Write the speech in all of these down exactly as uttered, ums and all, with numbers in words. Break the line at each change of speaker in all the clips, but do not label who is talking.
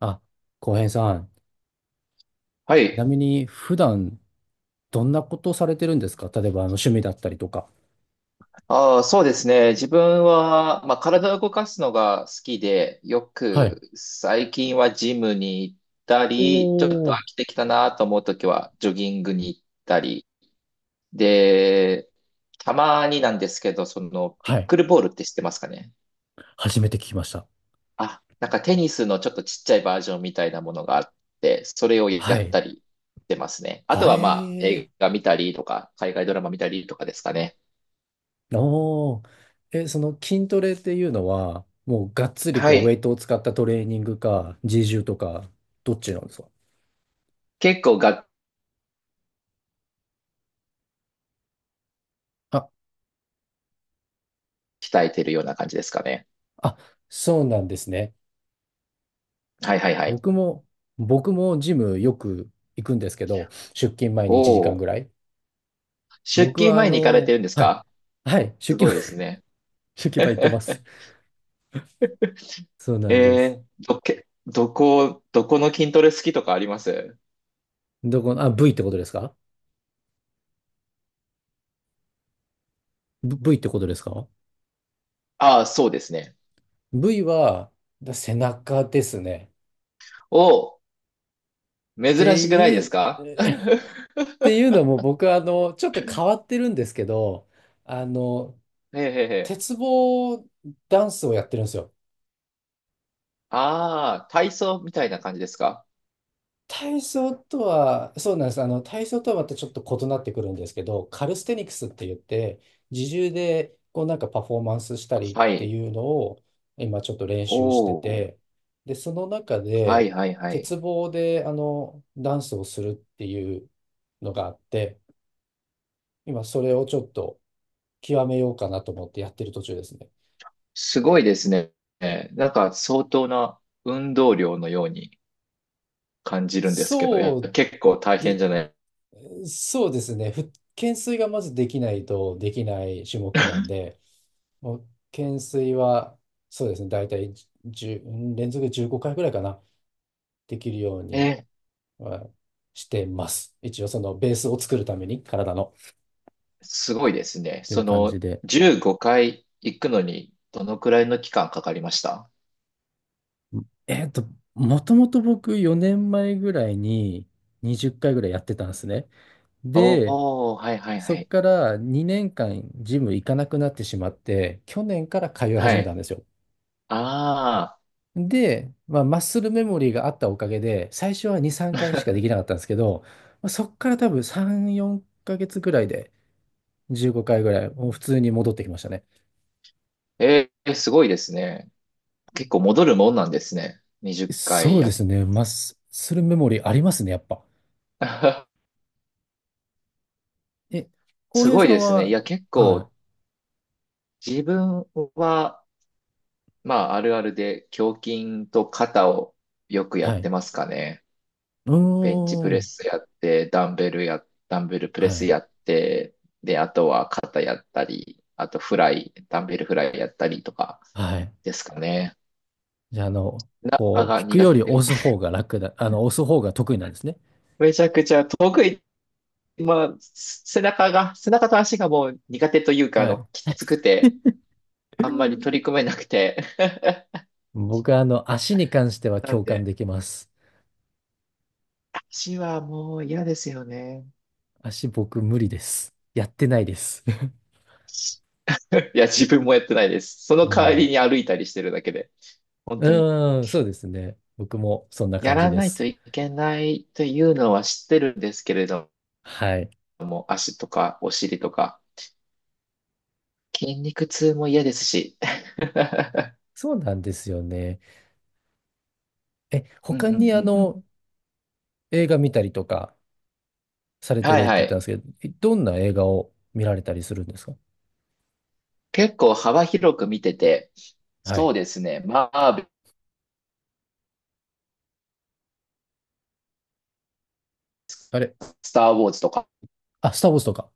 あ、浩平さん、
は
ちな
い。
みに普段どんなことされてるんですか？例えばあの趣味だったりとか。
ああ、そうですね。自分は、まあ、体を動かすのが好きで、よ
はい。
く最近はジムに行ったり、ちょっと
お
飽
ー。
きてきたなと思うときはジョギングに行ったり。で、たまになんですけど、その、ピ
は
ッ
い。
クルボールって知ってますかね？
初めて聞きました。
あ、なんかテニスのちょっとちっちゃいバージョンみたいなものがあって、それをや
は
っ
い。
たりしてますね。あ
は
とはまあ、
え
映画見たりとか、海外ドラマ見たりとかですかね。
ー。おー。え、その筋トレっていうのは、もうがっつり
は
こうウェ
い。
イトを使ったトレーニングか、自重とか、どっちなんですか？
結構がっ
あ、
鍛えてるような感じですかね。
あ、そうなんですね。
はいはいはい。
僕も、僕もジムよく行くんですけど、出勤前
お
にいちじかん
お、
ぐらい。
出
僕
勤
はあ
前に行かれて
の、
るんです
はい。
か？
はい、出
すご
勤
いですね。
焼き場行って ます。そうなんです。
えー、どけ、どこ、どこの筋トレ好きとかあります？
どこの、あ、V ってことですか？ v ってことですか
ああー、そうですね。
v は、だ背中ですね。
おお、
って
珍しくない
い
で
う、
す か？
っ ていうのも僕はあの、ちょっと変わってるんですけど、あの、
へえへえへえ。
鉄棒ダンスをやってるんですよ。
ああ、体操みたいな感じですか？
体操とは、そうなんです。あの、体操とはまたちょっと異なってくるんですけど、カルステニクスって言って、自重でこうなんかパフォーマンスしたりっ
は
て
い。
いうのを今ちょっと練
お
習して
お、
て、で、その中
は
で、
いはいはい。
鉄棒であの、ダンスをするっていうのがあって、今それをちょっと極めようかなと思ってやってる途中ですね。
すごいですね。なんか相当な運動量のように感じるんですけど、いや、
そう
結構大
で、
変じゃない。
そうですね。ふ懸垂がまずできないとできない種目なんで、もう懸垂は、そうですね、大体じゅう、うん連続じゅうごかいぐらいかな、できるように
え
はしてます。一応そのベースを作るために、体の。っ
すごいですね。
ていう
そ
感じ
の、
で。
じゅうごかい行くのに、どのくらいの期間かかりました？
えっと、もともと僕よねんまえぐらいににじゅっかいぐらいやってたんですね。で、
おー、はいはい
そ
は
っ
い。
からにねんかんジム行かなくなってしまって、去年から通い
は
始めた
い。
んですよ。
ああ、
で、まあ、マッスルメモリーがあったおかげで、最初はに、さんかいしかできなかったんですけど、まあ、そっから多分さん、よんかげつぐらいでじゅうごかいぐらい、もう普通に戻ってきましたね。
えー、すごいですね。結構戻るもんなんですね。20
そ
回
う
や
で
っ
すね、マッスルメモリーありますね、やっぱ。え、浩
す
平
ごい
さん
ですね。い
は、
や、結
は
構自分は、まあ、あるあるで胸筋と肩をよく
い、
や
は
って
い、
ますかね。
う
ベンチプ
ー
レ
ん、
スやって、ダンベルや、ダンベルプ
は
レス
い、
やって、で、あとは肩やったり、あとフライ、ダンベルフライやったりとか
はい。
ですかね。
じゃあ、あの、
背中
こう、
が
引く
苦
より
手で。
押す 方が楽だ、あの、押す方が得意なんですね。
めちゃくちゃ得意。まあ、背中が、背中と足がもう苦手というか、あ
はい。
の、きつくて、あんまり取り 組めなくて。
僕は、あの、足に関しては
なん
共感
で、
できます。
足はもう嫌ですよね。
足僕無理です。やってないです。
いや、自分もやってないです。その代わ
も
りに歩いたりしてるだけで、本
う、
当に。
うーん、そうですね。僕もそんな
や
感じ
ら
で
ないと
す。
いけないというのは知ってるんですけれど
はい。
も、足とかお尻とか、筋肉痛も嫌ですし。
そうなんですよね。え、
うんう
他
んう
にあ
んうん。
の、映画見たりとかされて
は
る
い
っ
は
て言ったんで
い。
すけど、えどんな映画を見られたりするんですか？
結構幅広く見てて、
は
そ
い。
うですね。マーベル、
あれ
スター・ウォーズとか、
あ、スター・ウォーズとか。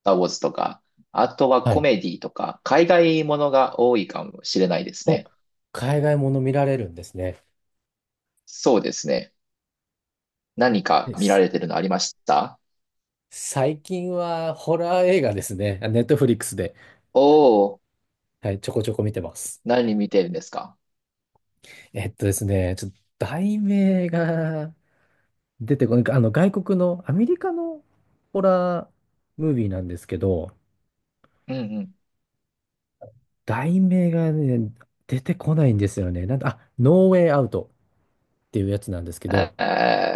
スター・ウォーズとか、あとは
は
コ
い。
メディとか、海外ものが多いかもしれないです
お、
ね。
海外もの見られるんですね。
そうですね。何か
え、
見ら
す
れてるのありました？
最近はホラー映画ですね。ネットフリックスで、
おおー、
はい、ちょこちょこ見てます。
何見てるんですか？
えっとですね、ちょっと題名が出てこない、あの外国のアメリカのホラームービーなんですけど、
うんうん
題名がね、出てこないんですよね。なんだ、あ、ノーウェイアウトっていうやつなんですけ
え
ど、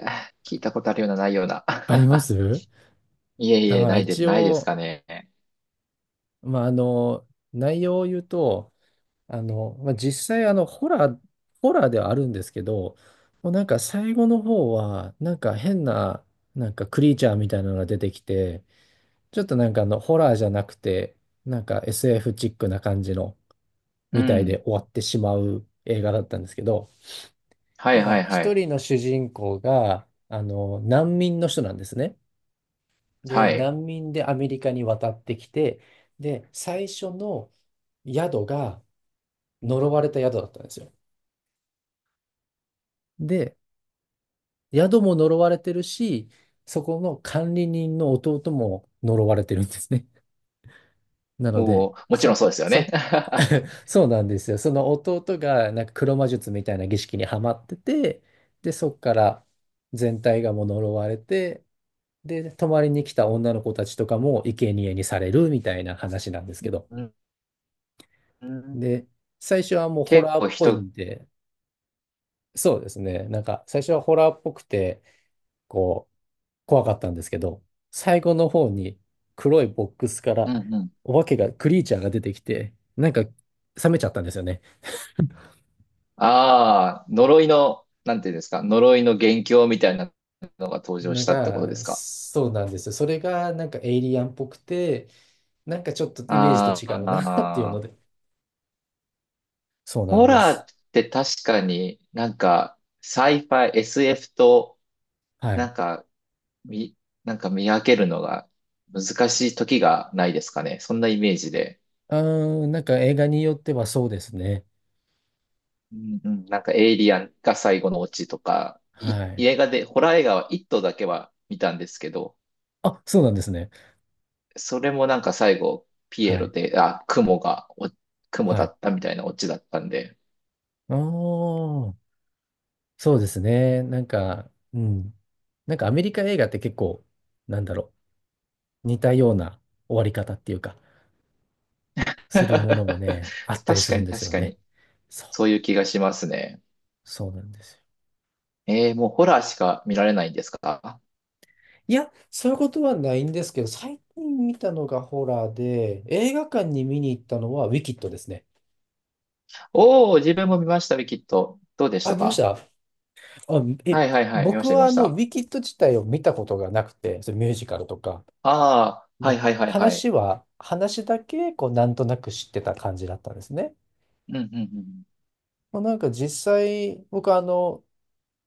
ー聞いたことあるような、ないような。
ありま す
いえい
あ、
え、
まあ
ないです、
一
ないです
応、
かね。
まああの、内容を言うと、あの、まあ実際あの、ホラー、ホラーではあるんですけど、もうなんか最後の方は、なんか変な、なんかクリーチャーみたいなのが出てきて、ちょっとなんかあの、ホラーじゃなくて、なんか エスエフ チックな感じの、
う
みたいで
ん。
終わってしまう映画だったんですけど、
は
な
い
ん
は
か
いは
一
い。
人の主人公が、あの、難民の人なんですね。で、
はい。
難民でアメリカに渡ってきて、で、最初の宿が呪われた宿だったんですよ。で、宿も呪われてるし、そこの管理人の弟も呪われてるんですね。なので、
おー、もちろん
そ、
そうですよね。
そ、そうなんですよ。その弟がなんか黒魔術みたいな儀式にはまってて、で、そっから全体がもう呪われて、で、泊まりに来た女の子たちとかも生贄にされるみたいな話なんですけど。
うんうん
で、最初はもうホ
結
ラー
構
っぽい
人、
んで、そうですね。なんか最初はホラーっぽくて、こう、怖かったんですけど、最後の方に黒いボックスか
う
ら
んうん。
お化けが、クリーチャーが出てきて、なんか冷めちゃったんですよね。
ああ、呪いの、なんていうんですか、呪いの元凶みたいなのが登場
の
したってことで
が、
すか。
そうなんですよ。それがなんかエイリアンっぽくて、なんかちょっとイメージと
あ
違うな っていうの
あ、
で。そうなん
ホ
で
ラー
す。
って確かになんか、サイファイ、エスエフ と、
はい。
なんか、み、なんか見分けるのが難しい時がないですかね。そんなイメージで。
うーん、なんか映画によってはそうですね。
うんうん、なんかエイリアンが最後のオチとか、い
はい。
映画で、ホラー映画はいっとうだけは見たんですけど、
あ、そうなんですね。
それもなんか最後、ピエ
は
ロ
い。
で、あ、雲が、お雲
は
だ
い。
ったみたいなオチだったんで、
あー、そうですね。なんか、うん。なんかアメリカ映画って結構、なんだろう、似たような終わり方っていうか、するものもね、あっ たり
確
す
か
るん
に
です
確
よ
か
ね。
に、
そう、
そういう気がしますね。
そうなんですよ。
えー、もうホラーしか見られないんですか？
いや、そういうことはないんですけど、最近見たのがホラーで、映画館に見に行ったのはウィキッドですね。
おー、自分も見ましたね、きっと。どうでし
あ、
た
見まし
か？
た？あ、え、
はいはいはい、見ま
僕
した見
は
ま
あ
し
の、ウ
た。
ィキッド自体を見たことがなくて、それミュージカルとか。
ああ、はい
で、
はいはいはい。
話は、話だけ、こう、なんとなく知ってた感じだったんですね。
うんうんうん。
まあ、なんか実際、僕あの、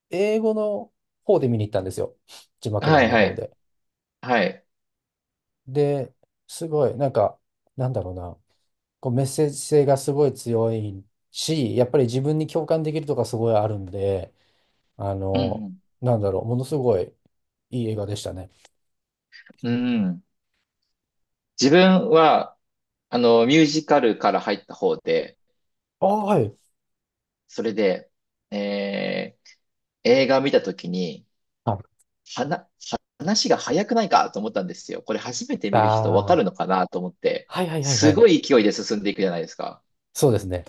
英語の方で見に行ったんですよ。字幕
は
版
い
の
は
方
い。
で。
はい。
で、すごい、なんか、なんだろうな。こうメッセージ性がすごい強いし、やっぱり自分に共感できるとかすごいあるんで、あ
う
の、
ん
なんだろう、ものすごいいい映画でしたね。
うん。うん。自分は、あの、ミュージカルから入った方で、
ああ、はい。
それで、えー映画見たときに、
あ
はな、話が早くないかと思ったんですよ。これ初めて
あ
見る人わか
ー、
るのかなと思って、
はいはいはいは
すご
い。
い勢いで進んでいくじゃないですか。
そうですね。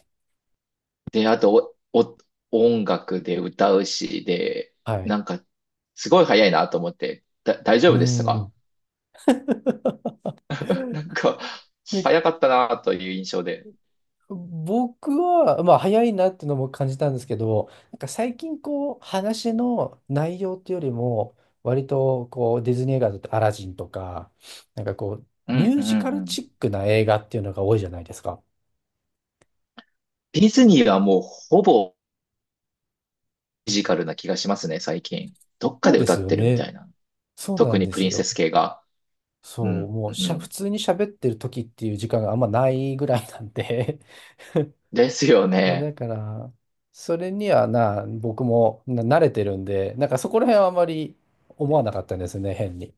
で、あと、お、お、音楽で歌うし、で、
はい。
なんか、すごい早いなと思って、だ、大
う
丈
ー
夫でしたか？
ん。
なんか、
なん
早かったなという印象で。
僕は、まあ、早いなっていうのも感じたんですけど、なんか最近こう、話の内容っていうよりも、割とこう、ディズニー映画だとアラジンとか、なんかこう、
う
ミュ
ん
ー
う
ジカ
んう
ルチ
ん。
ックな映画っていうのが多いじゃないですか。
ディズニーはもうほぼフィジカルな気がしますね、最近。どっか
そう
で
で
歌
す
っ
よ
てるみた
ね。
いな。
そうな
特
ん
に
で
プ
す
リンセ
よ。
ス系が。う
そう、
ん、
も
う
うしゃ、
ん。
普通に喋ってる時っていう時間があんまないぐらいなんで
ですよね。
だから、それにはな、僕もな慣れてるんで、なんかそこら辺はあまり思わなかったんですね、変に。